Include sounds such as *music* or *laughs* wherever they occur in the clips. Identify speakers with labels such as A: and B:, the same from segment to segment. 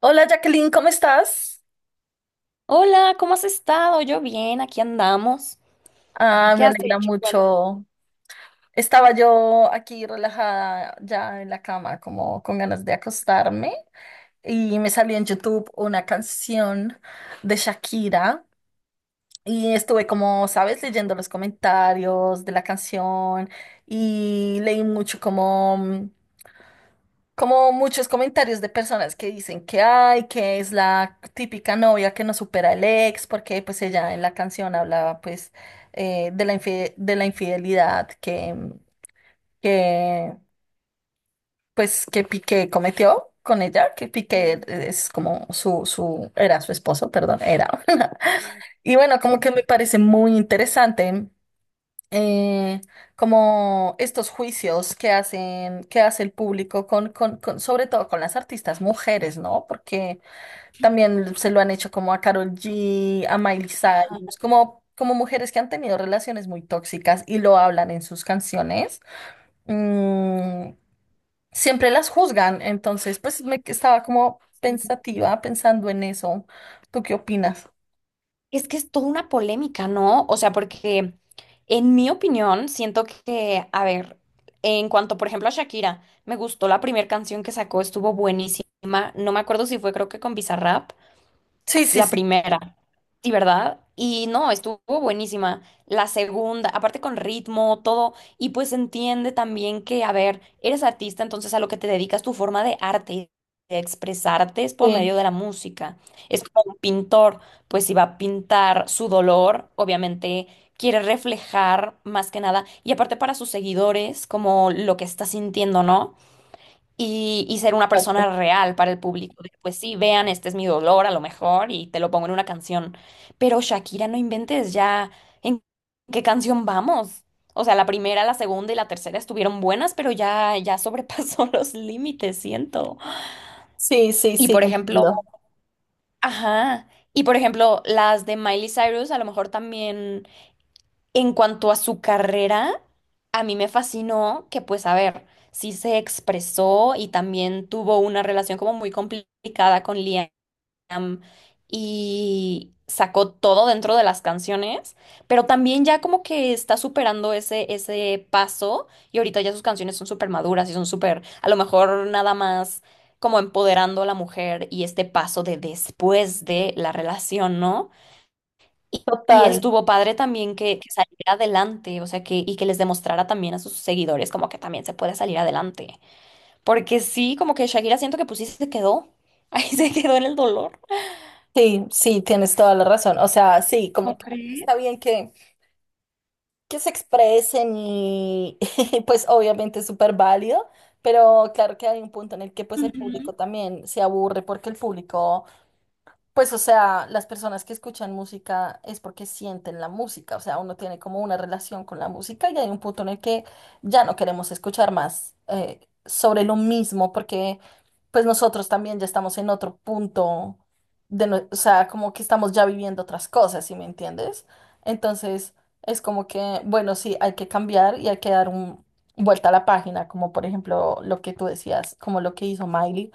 A: Hola Jacqueline, ¿cómo estás?
B: Hola, ¿cómo has estado? Yo bien, aquí andamos.
A: Ah,
B: ¿Qué
A: me
B: has
A: alegra
B: hecho? Cuenta.
A: mucho. Estaba yo aquí relajada ya en la cama, como con ganas de acostarme, y me salió en YouTube una canción de Shakira y estuve como, sabes, leyendo los comentarios de la canción y leí mucho como muchos comentarios de personas que dicen que ay, que es la típica novia que no supera el ex, porque pues ella en la canción hablaba pues de la infidelidad que pues que Piqué cometió con ella, que Piqué es como su, era su esposo, perdón, era. *laughs* Y bueno, como que me parece muy interesante eh, como estos juicios que hacen, que hace el público sobre todo con las artistas mujeres, ¿no? Porque también se lo han hecho como a Karol G, a Miley
B: Ajá,
A: Cyrus, como, como mujeres que han tenido relaciones muy tóxicas y lo hablan en sus canciones. Mm, Siempre las juzgan, entonces pues me estaba como
B: sí.
A: pensativa, pensando en eso. ¿Tú qué opinas?
B: Es que es toda una polémica, ¿no? O sea, porque en mi opinión siento que, a ver, en cuanto, por ejemplo, a Shakira, me gustó la primera canción que sacó, estuvo buenísima. No me acuerdo si fue, creo que con Bizarrap.
A: Sí, sí,
B: La
A: sí.
B: primera, sí, ¿verdad? Y no, estuvo buenísima. La segunda, aparte con ritmo, todo, y pues entiende también que, a ver, eres artista, entonces a lo que te dedicas tu forma de arte, de expresarte es por medio
A: Sí,
B: de la música. Es como un pintor, pues si va a pintar su dolor, obviamente quiere reflejar más que nada, y aparte para sus seguidores, como lo que está sintiendo, ¿no? Y ser una
A: exacto.
B: persona real para el público. De, pues sí, vean, este es mi dolor a lo mejor y te lo pongo en una canción. Pero Shakira, no inventes ya en qué canción vamos. O sea, la primera, la segunda y la tercera estuvieron buenas, pero ya sobrepasó *laughs* los límites, siento.
A: Sí, sí,
B: Y
A: sí,
B: por ejemplo,
A: entiendo.
B: ajá. Y por ejemplo, las de Miley Cyrus a lo mejor también en cuanto a su carrera, a mí me fascinó que, pues, a ver, sí se expresó y también tuvo una relación como muy complicada con Liam y sacó todo dentro de las canciones, pero también ya como que está superando ese paso y ahorita ya sus canciones son súper maduras y son súper, a lo mejor nada más como empoderando a la mujer y este paso de después de la relación, ¿no? Y
A: Total.
B: estuvo padre también que saliera adelante, o sea, que, y que les demostrara también a sus seguidores como que también se puede salir adelante. Porque sí, como que Shakira siento que pues sí se quedó, *laughs* ahí se quedó en el dolor.
A: Sí, sí, tienes toda la razón. O sea, sí, como
B: ¿No
A: que
B: crees?
A: está bien que se expresen y, *laughs* y, pues obviamente es súper válido, pero claro que hay un punto en el que pues el
B: Ujú.
A: público también se aburre porque el público pues, o sea, las personas que escuchan música es porque sienten la música, o sea, uno tiene como una relación con la música y hay un punto en el que ya no queremos escuchar más sobre lo mismo, porque pues nosotros también ya estamos en otro punto o sea, como que estamos ya viviendo otras cosas, ¿sí me entiendes? Entonces, es como que, bueno, sí, hay que cambiar y hay que dar un vuelta a la página, como por ejemplo lo que tú decías, como lo que hizo Miley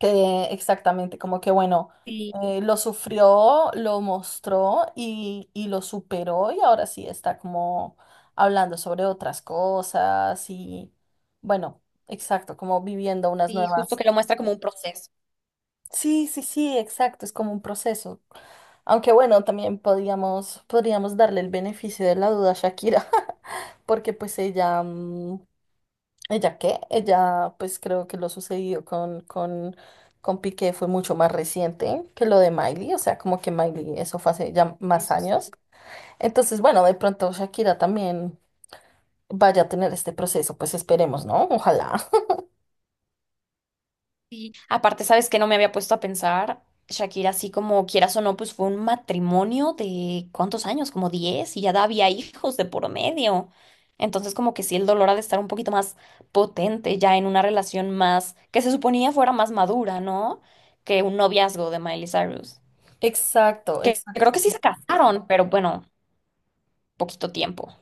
A: que exactamente, como que bueno,
B: Sí,
A: lo sufrió, lo mostró y lo superó y ahora sí está como hablando sobre otras cosas y bueno, exacto, como viviendo unas
B: sí, justo
A: nuevas.
B: que lo muestra como un proceso.
A: Sí, sí, sí, exacto, es como un proceso. Aunque bueno, también podríamos darle el beneficio de la duda a Shakira, *laughs* porque pues ella, ¿ella qué? Ella, pues creo que lo sucedido con Piqué fue mucho más reciente que lo de Miley, o sea, como que Miley, eso fue hace ya más años. Entonces, bueno, de pronto Shakira también vaya a tener este proceso, pues esperemos, ¿no? Ojalá.
B: Aparte, sabes que no me había puesto a pensar, Shakira, así como quieras o no, pues fue un matrimonio de ¿cuántos años? Como 10 y ya había hijos de por medio. Entonces, como que sí, el dolor ha de estar un poquito más potente ya en una relación más, que se suponía fuera más madura, ¿no? Que un noviazgo de Miley Cyrus.
A: *laughs* Exacto,
B: Que creo
A: exacto.
B: que sí se casaron, pero bueno, poquito tiempo.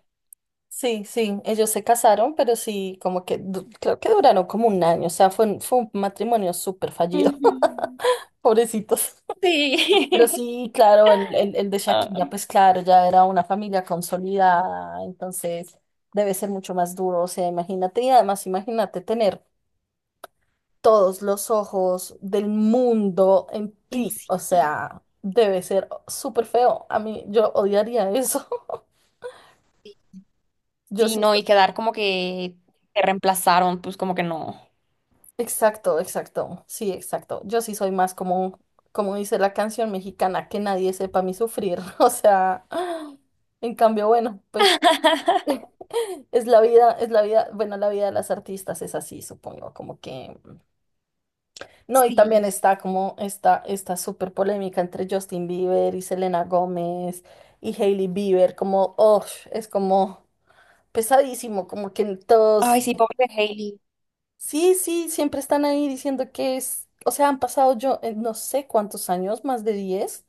A: Sí, sí, ellos se casaron, pero sí, como que creo que duraron como un año, o sea, fue un matrimonio súper fallido,
B: Ujú.
A: *laughs* pobrecitos.
B: Sí.
A: Pero
B: *laughs*
A: sí, claro, el de Shakira,
B: Ah.
A: pues claro, ya era una familia consolidada, entonces debe ser mucho más duro, o sea, imagínate, y además imagínate tener todos los ojos del mundo en
B: En
A: ti,
B: sí,
A: o sea, debe ser súper feo, a mí yo odiaría eso, *laughs* yo
B: sí,
A: sí,
B: no, y quedar como que te reemplazaron, pues como que no.
A: exacto, exacto, sí, exacto, yo sí soy más como, como dice la canción mexicana, que nadie sepa mi sufrir, *laughs* o sea, *gasps* en cambio, bueno, pues... es la vida, bueno, la vida de las artistas es así, supongo, como que... No, y también
B: Sí.
A: está como esta súper polémica entre Justin Bieber y Selena Gómez y Hailey Bieber, como, oh, es como pesadísimo, como que
B: Ay,
A: todos,
B: sí, pobre de Hailey.
A: sí, sí, siempre están ahí diciendo que es, o sea, han pasado yo no sé cuántos años, más de 10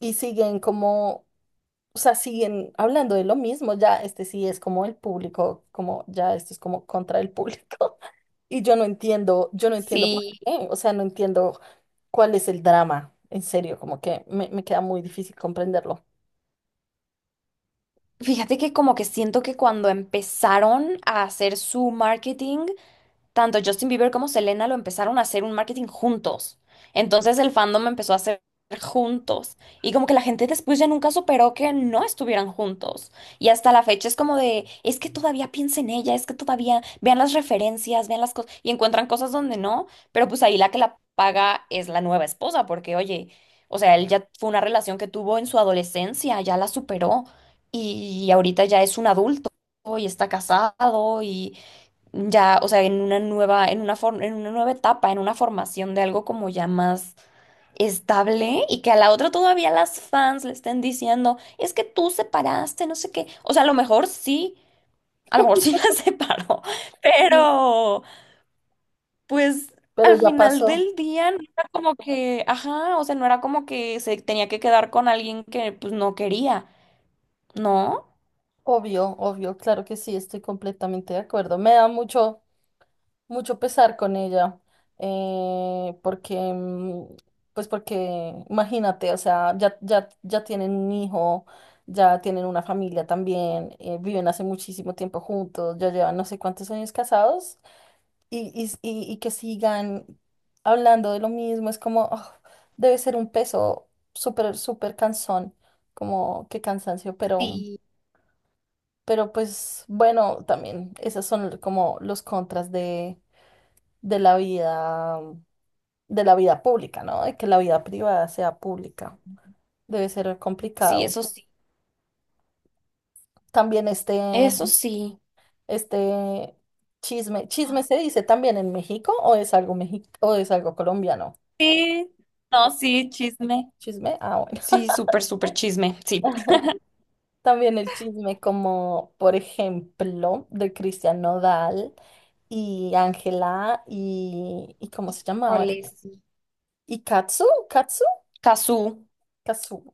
A: y siguen como... O sea, siguen hablando de lo mismo, ya este sí es como el público, como ya esto es como contra el público. Yo no entiendo por
B: Sí,
A: qué, o sea, no entiendo cuál es el drama, en serio, como que me queda muy difícil comprenderlo.
B: fíjate que como que siento que cuando empezaron a hacer su marketing, tanto Justin Bieber como Selena lo empezaron a hacer un marketing juntos. Entonces el fandom empezó a hacer juntos. Y como que la gente después ya nunca superó que no estuvieran juntos. Y hasta la fecha es como de, es que todavía piensen en ella, es que todavía vean las referencias, vean las cosas y encuentran cosas donde no. Pero pues ahí la que la paga es la nueva esposa, porque oye, o sea, él ya fue una relación que tuvo en su adolescencia, ya la superó. Y ahorita ya es un adulto y está casado y ya, o sea, en una nueva, en una nueva etapa, en una formación de algo como ya más estable y que a la otra todavía las fans le estén diciendo, es que tú separaste, no sé qué. O sea, a lo mejor sí, a lo mejor sí *laughs* la separó,
A: Sí.
B: pero pues
A: Pero
B: al
A: ya
B: final
A: pasó,
B: del día no era como que, ajá, o sea, no era como que se tenía que quedar con alguien que pues no quería, ¿no?
A: obvio, obvio, claro que sí, estoy completamente de acuerdo. Me da mucho, mucho pesar con ella, porque, pues porque, imagínate, o sea, ya tienen un hijo, ya tienen una familia también, viven hace muchísimo tiempo juntos, ya llevan no sé cuántos años casados. Y que sigan hablando de lo mismo, es como, "Oh, debe ser un peso súper, súper cansón, como qué cansancio",
B: Sí.
A: pero pues bueno, también esos son como los contras de la vida, de la vida pública, ¿no? De que la vida privada sea pública, debe ser
B: Sí,
A: complicado.
B: eso sí,
A: También este,
B: eso sí.
A: este chisme, chisme se dice también en México, o es algo o es algo colombiano.
B: Sí, no, sí, chisme.
A: Chisme, ah, bueno.
B: Sí, súper, súper chisme, sí.
A: También el chisme como, por ejemplo, de Cristian Nodal y Ángela y ¿cómo se llamaba?
B: Híjole, sí.
A: Y Katsu,
B: Cazú.
A: Katsu.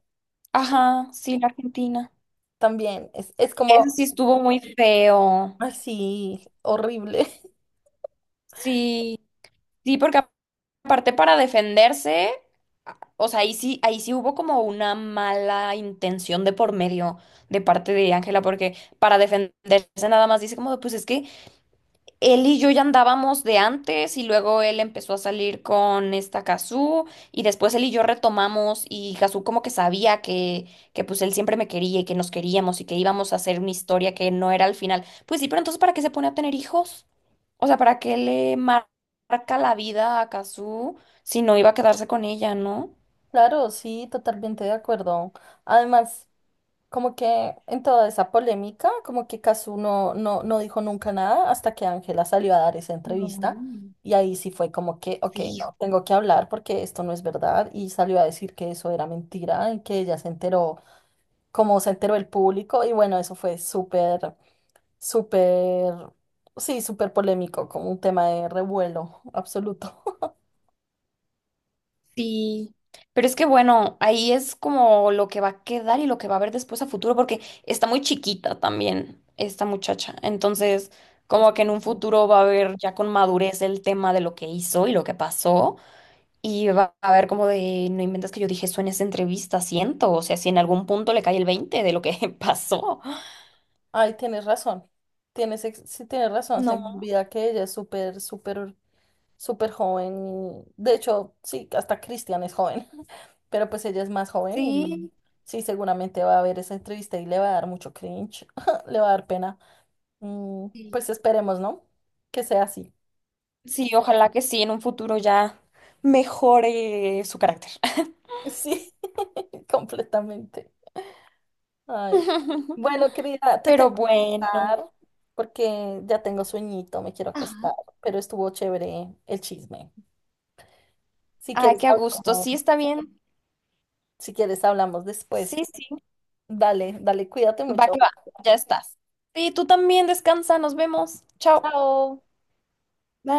B: Ajá, sí, la Argentina.
A: También es
B: Eso
A: como
B: sí estuvo muy feo.
A: así, horrible. *laughs*
B: Sí, sí, porque aparte para defenderse, o sea, ahí sí hubo como una mala intención de por medio de parte de Ángela, porque para defenderse nada más dice como, de, pues es que él y yo ya andábamos de antes y luego él empezó a salir con esta Kazú y después él y yo retomamos y Kazú como que sabía que pues él siempre me quería y que nos queríamos y que íbamos a hacer una historia que no era al final. Pues sí, pero entonces ¿para qué se pone a tener hijos? O sea, ¿para qué marca la vida a Kazú si no iba a quedarse con ella, ¿no?
A: Claro, sí, totalmente de acuerdo. Además... Como que en toda esa polémica, como que Cazzu no dijo nunca nada hasta que Ángela salió a dar esa
B: No.
A: entrevista y ahí sí fue como que, ok,
B: Sí.
A: no, tengo que hablar porque esto no es verdad, y salió a decir que eso era mentira y que ella se enteró, como se enteró el público y bueno, eso fue súper, súper, sí, súper polémico, como un tema de revuelo absoluto.
B: Sí, pero es que bueno, ahí es como lo que va a quedar y lo que va a haber después a futuro, porque está muy chiquita también esta muchacha. Entonces,
A: *laughs* Es-
B: como que en un futuro va a haber ya con madurez el tema de lo que hizo y lo que pasó. Y va a haber como de, no inventes que yo dije eso en esa entrevista, siento. O sea, si en algún punto le cae el veinte de lo que *laughs* pasó.
A: Ay, tienes razón, tienes, sí, tienes razón, se me
B: No,
A: olvida que ella es súper, súper, súper joven y de hecho, sí, hasta Cristian es joven, *laughs* pero pues ella es más joven y
B: sí.
A: sí, seguramente va a ver esa entrevista y le va a dar mucho cringe, *laughs* le va a dar pena.
B: Sí,
A: Pues esperemos, ¿no? Que sea así.
B: sí, ojalá que sí, en un futuro ya mejore su carácter.
A: *laughs* Sí, *laughs* completamente. Ay.
B: *laughs*
A: Bueno, querida, te
B: Pero
A: tengo que
B: bueno.
A: dejar porque ya tengo sueñito, me quiero acostar,
B: Ajá.
A: pero estuvo chévere el chisme. Si
B: Ay,
A: quieres,
B: qué a gusto.
A: hablamos,
B: Sí, está bien.
A: si quieres, hablamos después.
B: Sí, sí.
A: Dale, dale, cuídate
B: Va
A: mucho.
B: que va. Ya estás. Sí, tú también descansa. Nos vemos. Chao.
A: Chao.
B: Bye.